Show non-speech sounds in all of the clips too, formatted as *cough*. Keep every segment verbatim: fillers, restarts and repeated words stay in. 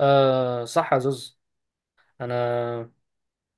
آه صح يا زوز. انا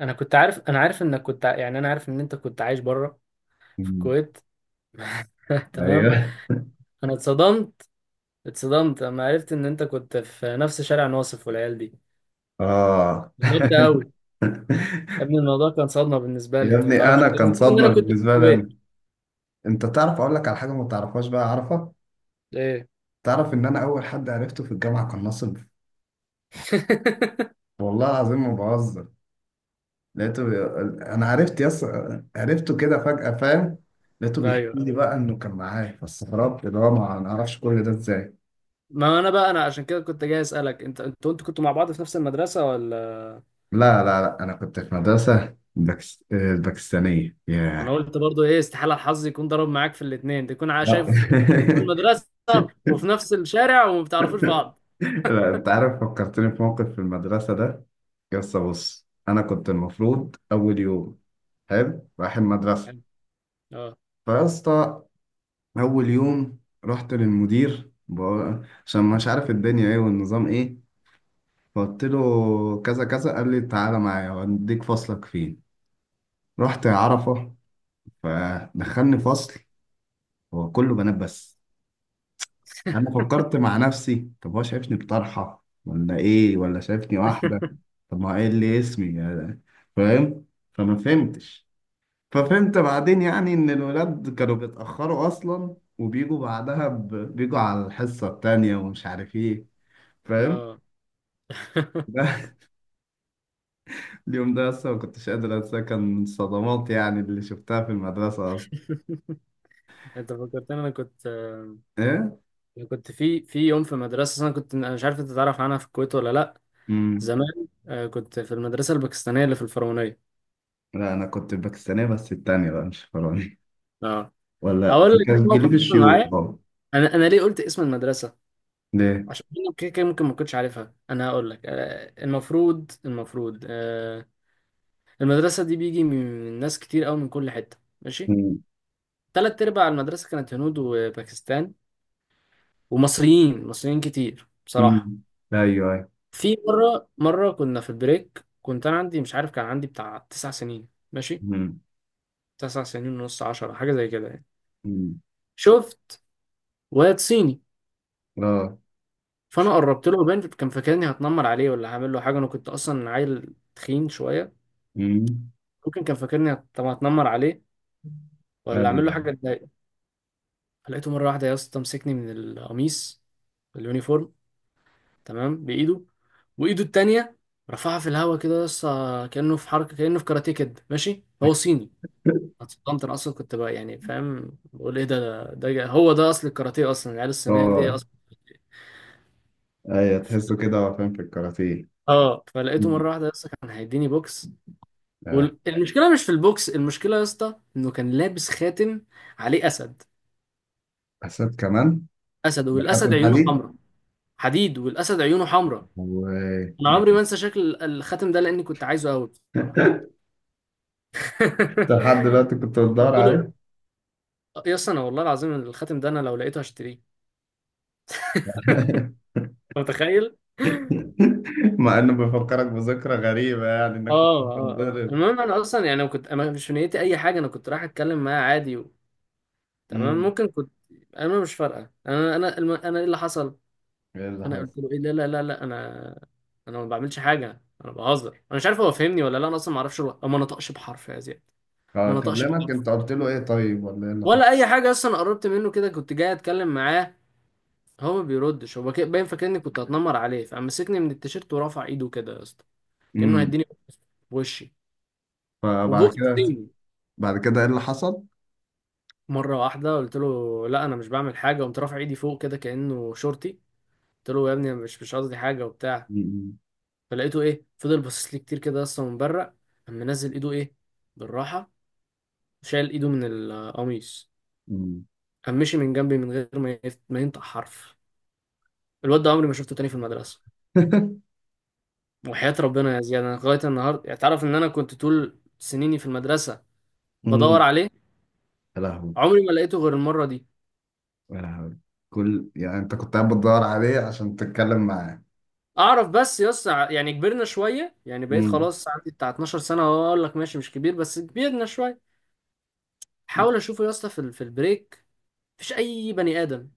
انا كنت عارف. انا عارف انك كنت ع- يعني انا عارف ان انت كنت عايش بره في مم. الكويت. *laughs* تمام. ايوه. انا اتصدمت. اتصدمت لما عرفت ان انت كنت في نفس شارع ناصف والعيال دي، اه. غربت قوي. يا *laughs* ابني الموضوع كان صدمه بالنسبه لي، يا انت ما ابني تعرفش انا ان كان إن صدمه انا كنت في بالنسبه لي أنا. الكويت. انت تعرف، اقول لك على حاجه ما تعرفهاش بقى، عارفه؟ ايه؟ تعرف ان انا اول حد عرفته في الجامعه كان ناصر. *laughs* والله العظيم ما بهزر. لقيته بي... انا عرفت يس. عرفته كده فجاه، فاهم؟ لقيته بيحكي ايوه لي ايوه. بقى انه كان معايا، فاستغربت اللي هو ما ما اعرفش كل ده ازاي. ما انا بقى انا عشان كده كنت جاي اسالك انت، انتوا انتوا كنتوا مع بعض في نفس المدرسه ولا؟ لا لا لا، انا كنت في مدرسه باكس... آه، باكستانيه، انا ياه. قلت برضو ايه؟ استحاله الحظ يكون ضرب معاك في الاثنين، تكون عا- لا شايف تشوف في *laughs* المدرسه وفي نفس الشارع وما بتعرفوش بعض. لا، انت عارف، فكرتني في موقف في المدرسه ده. يس، بص، انا كنت المفروض اول يوم حلو رايح المدرسه. حلو. اه. فيسطا، اول يوم رحت للمدير بقى- عشان مش عارف الدنيا ايه والنظام ايه. فقلت له كذا كذا، قال لي تعالى معايا واديك فصلك فين. رحت عرفه، فدخلني فصل هو كله بنات بس. انا فكرت مع نفسي، طب هو شايفني بطرحه ولا ايه؟ ولا شايفني واحده؟ *laughs* طب ما هو ايه اللي اسمي يعني، فاهم؟ فما فهمتش. ففهمت بعدين يعني ان الولاد كانوا بيتأخروا اصلا وبيجوا بعدها ب... بيجوا على الحصة التانية ومش عارف ايه، فاهم؟ اه. *laughs* *laughs* ده اليوم ده اصلا ما كنتش قادر انساه، كان من الصدمات يعني اللي شفتها في المدرسة اصلا. انت فكرتني انا كنت، ايه. انا كنت في في يوم في مدرسه، انا كنت، انا مش عارف انت تعرف عنها في الكويت ولا لا. امم. زمان، آه، كنت في المدرسه الباكستانيه اللي في الفرعونيه. لا، انا كنت باكستانية، بس التانية بقى مش فرنسي اه ولا. اقول لك إيه كان موقف جليب حصل الشيوخ معايا. طبعا. انا انا ليه قلت اسم المدرسه؟ ليه؟ عشان انا كده كده ممكن ما كنتش عارفها. انا هقول لك، آه، المفروض المفروض آه، المدرسة دي بيجي من ناس كتير قوي من كل حتة، ماشي. امم. تلات أرباع المدرسة كانت هنود وباكستان، ومصريين، مصريين كتير بصراحة. امم. ايوه، ايوه. في مرة، مرة كنا في البريك، كنت أنا عندي، مش عارف، كان عندي بتاع تسع سنين ماشي، امم. تسع سنين ونص، عشرة، حاجة زي كده يعني. امم. شفت واد صيني. اه. فأنا قربت له. باين كان فاكرني هتنمر عليه ولا هعمل له حاجة. أنا كنت أصلا عيل تخين شوية، امم. ممكن كان فاكرني هت- طب هتنمر عليه ولا أعمل له ايوه. حاجة تضايقه. فلقيته مرة واحدة يا اسطى مسكني من القميص، اليونيفورم، تمام، بايده. وايده التانية رفعها في الهواء كده، لسه كأنه في حركة، كأنه في كاراتيه كده ماشي، هو صيني. *laughs* اتصدمت. انا اصلا كنت بقى يعني، فاهم، بقول ايه ده، ده, ده هو ده اصل الكاراتيه اصلا، العيال الصينية دي اه. اصلا. ايوه، تحسه كده هو فاهم في الكاراتيه. اه فلقيته أمم. مرة واحدة لسه كان هيديني بوكس. والمشكلة مش في البوكس، المشكلة يا اسطى انه كان لابس خاتم عليه اسد. حسيت كمان اسد، والاسد بخاتم عيونه حديد. حمراء. حديد، والاسد عيونه حمراء. انا وانت عمري ما انسى شكل الخاتم ده لاني كنت عايزه قوي بصراحة. لحد *laughs* دلوقتي كنت بتدور قلت له عليه؟ آه، يا اسطى انا والله العظيم الخاتم ده انا لو لقيته هشتريه. *laughs* أنت متخيل؟ *laughs* مع انه بيفكرك بذكرى غريبة يعني، انك كنت اه اه اه. بتتضرب. المهم انا اصلا يعني أنا كنت، انا مش في نيتي اي حاجه، انا كنت رايح اتكلم معاه عادي و... تمام، امم. ممكن كنت، انا مش فارقه، انا انا الم... انا ايه اللي حصل. ايه اللي انا حصل؟ قلت له ايه؟ لا لا لا لا، انا انا ما بعملش حاجه، انا بهزر، انا مش عارف هو فهمني ولا لا. انا اصلا ما اعرفش، الو- ما نطقش بحرف يا زياد. آه، ما نطقش كلمك؟ بحرف انت قلت له ايه طيب ولا ايه اللي ولا حصل؟ اي حاجه. اصلا قربت منه كده كنت جاي اتكلم معاه، هو ما بيردش، هو كده- باين فاكرني كنت هتنمر عليه، فمسكني من التيشيرت ورفع ايده كده يا اسطى كأنه امم. هيديني بوكس، بوشي فبعد كده وبوكسنج. بعد كده ايه اللي حصل؟ مرة واحدة قلت له لا أنا مش بعمل حاجة، قمت رافع إيدي فوق كده كأنه شورتي. قلت له يا ابني أنا مش مش قصدي حاجة وبتاع. امم. فلقيته إيه، فضل باصص لي كتير كده، أصلا مبرق. قام منزل إيده، إيه، بالراحة، شال إيده من القميص. امم. قام مشي من جنبي من غير ما يف- ما ينطق حرف. الواد ده عمري ما شفته تاني في المدرسة. وحياة ربنا يا زياد أنا لغاية النهاردة يعني تعرف إن أنا كنت طول سنيني في المدرسة بدور امم. عليه. *laughs* يا لهوي. عمري ما لقيته غير المرة دي. يا لهوي. كل يعني، انت كنت قاعد بتدور عليه عشان تتكلم معاه؟ اعرف بس يس، يعني كبرنا شويه، يعني بقيت امم. خلاص عندي بتاع اتناشر سنه أهو، اقول لك ماشي مش كبير بس كبرنا شويه. حاول اشوفه يا اسطى في ال- في البريك، مفيش اي بني ادم.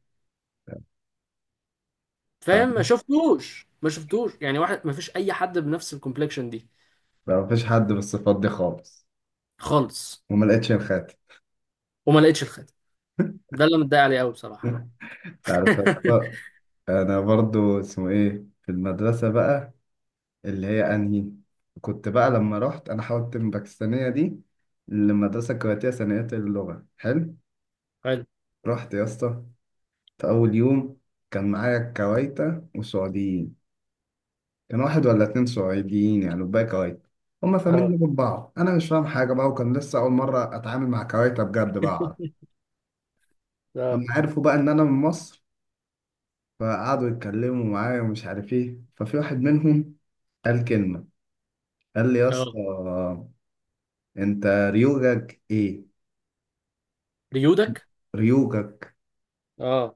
فاهم؟ ما شفتوش، ما شفتوش يعني واحد، مفيش اي حد بنفس الكومبلكشن دي لا مفيش حد بالصفات دي خالص. خالص. وما لقيتش الخاتم. وما لقيتش الخاتم، ده اللي أنا متضايق عليه قوي بصراحه بقى. *laughs* انت عارف يا *laughs* اسطى، انا برضو اسمه ايه في المدرسه بقى؟ اللي هي انهي؟ كنت بقى لما رحت انا حاولت من باكستانيه دي للمدرسه الكويتيه ثانويه اللغه، حلو؟ حلو. رحت يا اسطى في اول يوم. كان معايا كويتة وسعوديين. كان واحد ولا اتنين سعوديين يعني وباقي كويت. هما فاهمين اه لغة بعض، انا مش فاهم حاجه بقى، وكان لسه اول مره اتعامل مع كويتة بجد بقى، اعرف. اه اما عرفوا بقى ان انا من مصر، فقعدوا يتكلموا معايا ومش عارف ايه، ففي واحد منهم قال كلمة. قال لي يا اسطى، اه. انت ريوجك ايه؟ ريودك. ريوجك. اه.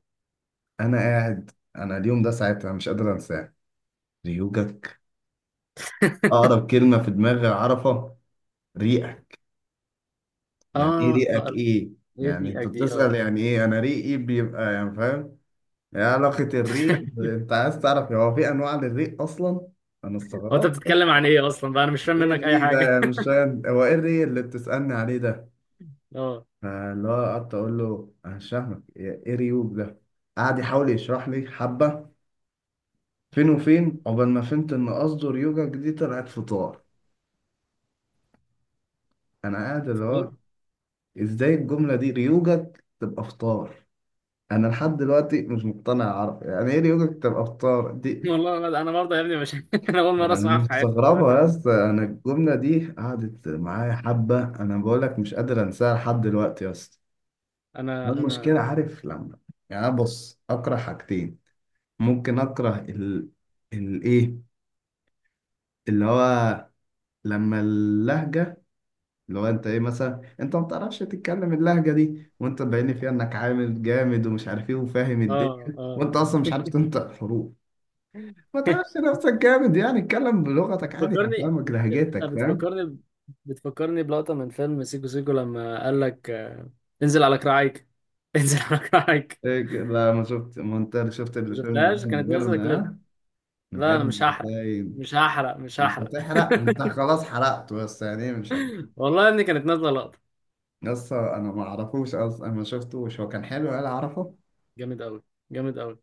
انا قاعد، انا اليوم ده ساعتها مش قادر انساه. ريوجك. *laughs* اقرب كلمة في دماغي اعرفها، ريقك. يعني ايه اه لا ريقك؟ لا، ايه هي يعني؟ دي انت اك دي، اه. بتسأل يعني ايه، انا ريقي بيبقى يعني، فاهم؟ ايه علاقة الريق؟ *laughs* انت عايز تعرف هو في انواع للريق اصلا؟ انا هو انت استغربت. بتتكلم عن ايه اصلا بقى، انا مش فاهم ايه منك اي الريق ده حاجه. يعني، مش فاهم هو ايه الريق اللي بتسألني عليه ده. *laughs* اه فاللي هو قعدت اقول له انا مش فاهمك، ايه إيه ريوج ده؟ قعد يحاول يشرح لي حبه، فين وفين عقبال ما فهمت ان قصده ريوجك دي طلعت فطار. انا قاعد اللي هو، ازاي الجمله دي ريوجك تبقى فطار؟ انا لحد دلوقتي مش مقتنع يا عرب، يعني ايه ريوجك تبقى فطار دي؟ والله لا انا برضه يا ابني مش *laughs* انا اول مره يعني اسمعها في حياتي مستغربه دلوقتي يا من. اسطى، انا الجمله دي قعدت معايا حبه، انا بقول لك مش قادر انساها لحد دلوقتي يا اسطى. ما انا انا المشكله عارف لما، يعني أنا بص اكره حاجتين، ممكن اكره ال الايه اللي هو، لما اللهجه، اللي هو انت ايه مثلا، انت ما بتعرفش تتكلم اللهجه دي وانت باين فيها انك عامل جامد ومش عارف ايه وفاهم اه الدنيا وانت اه. اصلا مش عارف تنطق حروف. ما تعرفش *laughs* نفسك جامد يعني، اتكلم بلغتك عادي بتفكرني هفهمك بت... لهجتك، فاهم؟ بتفكرني، بتفكرني بلقطه من فيلم سيكو سيكو لما قال لك، آه، انزل على كراعيك. *laughs* انزل على كراعيك. إيه، ك- لا، ما شفت؟ ما انت اللي شفت ما الفيلم ده شفتهاش، من كانت نازله غيرنا، كليب. ها؟ من لا انا مش غيرنا هحرق، هتلاقي. مش هحرق، مش مش هحرق. هتحرق، انت *laughs* خلاص حرقت، بس يعني إيه. مش هت... والله يا ابني كانت نازله لقطه. لسه انا ما اعرفوش اصلا، انا ما شفتوش هو كان حلو ولا. اعرفه؟ جامد قوي، جامد قوي.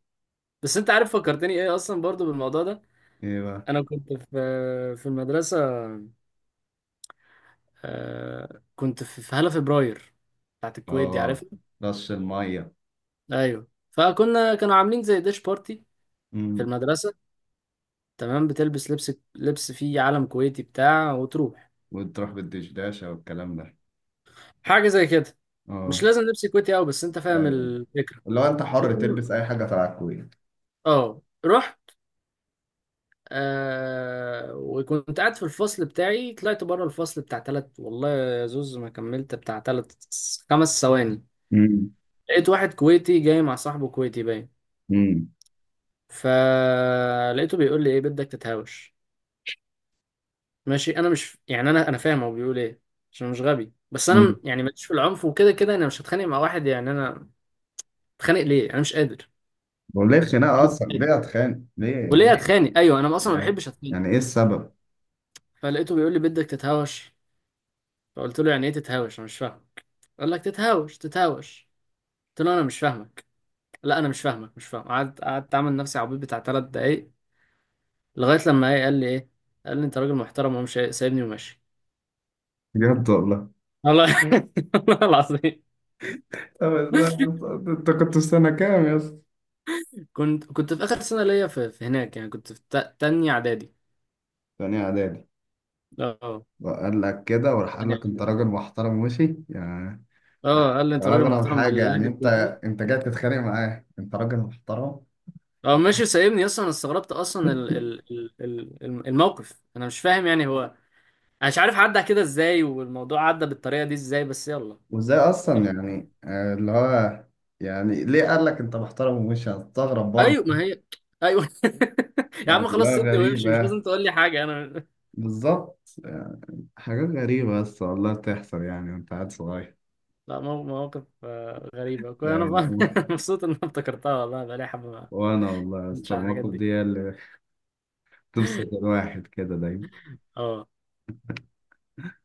بس انت عارف فكرتني ايه اصلا برضو بالموضوع ده. ايه بقى؟ انا كنت في في المدرسه، آه كنت في في هالة فبراير بتاعت الكويت دي، اه. عارفها؟ رش المية. ايوه، فكنا، كانوا عاملين زي ديش بارتي في امم. المدرسة، تمام، بتلبس لبس لبس فيه علم كويتي بتاع وتروح. وتروح بالدشداشة والكلام ده. حاجة زي كده، مش اه. لازم لبس كويتي قوي، بس انت فاهم ايوه، الفكرة. اللي هو انت حر المهم، تلبس اي حاجة تبع الكويت. اه رحت، آه وكنت قاعد في الفصل بتاعي، طلعت بره الفصل بتاع تلت، والله يا زوز ما كملت بتاع تلت خمس ثواني، امم. لقيت واحد كويتي جاي مع صاحبه كويتي باين. امم. فلقيته بيقول لي ايه، بدك تتهاوش. ماشي انا مش يعني، انا انا فاهم هو بيقول ايه، عشان مش غبي، بس انا امم. م- يعني ماليش في العنف وكده كده، انا مش هتخانق مع واحد يعني. انا اتخانق ليه؟ انا مش قادر. وليه خناقة اصلا؟ ليه اتخانق ليه يعني؟ وليه اتخانق؟ ايوه انا اصلا ما بحبش اتخانق. يعني ايه السبب؟ فلقيته بيقول لي بدك تتهاوش. فقلت له يعني ايه تتهاوش؟ انا مش فاهم. قال لك تتهاوش تتهاوش. قلت له انا مش فاهمك، لا انا مش فاهمك، مش فاهم. قعدت قعدت اعمل نفسي عبيط بتاع ثلاث دقايق، لغايه لما ايه، قال لي ايه، قال لي انت راجل محترم ومش سايبني وماشي. بجد والله. والله. *laughs* والله العظيم. طب ازاي يا اسطى؟ انت كنت في سنة كام يا اسطى؟ كنت كنت في اخر سنه ليا في, في هناك، يعني كنت في تا- تانية اعدادي. تاني اعدادي. اه وقال لك كده وراح قال تانية لك انت اعدادي. راجل محترم وشي يعني؟ بس. اه قال لي ده انت راجل اغرب محترم حاجة يعني، باللهجه انت الكويتيه. انت جاي تتخانق معاه انت راجل محترم. اه ماشي سايبني. اصلا انا استغربت اصلا ال ال ال ال- الم- الموقف، انا مش فاهم يعني هو، انا مش عارف عدى كده ازاي والموضوع عدى بالطريقه دي ازاي، بس يلا. وازاي اصلا يعني آه، اللي هو، يعني ليه قال لك انت محترم ومش هتستغرب برضه؟ ايوه ما هي، ايوه. *laughs* يا يعني عم خلاص لا سيبني وامشي، مش غريبة، لازم تقول لي حاجه. انا بالظبط يعني، حاجات غريبة بس والله بتحصل يعني وانت قاعد صغير لا مو- مواقف آه، غريبه كنت انا. يعني. *laughs* مبسوط ان أنا افتكرتها والله، بقالي حبه ما وانا والله يا كنتش اسطى، على الحاجات المواقف دي. دي هي اللي بتبسط الواحد كده دايما. اه.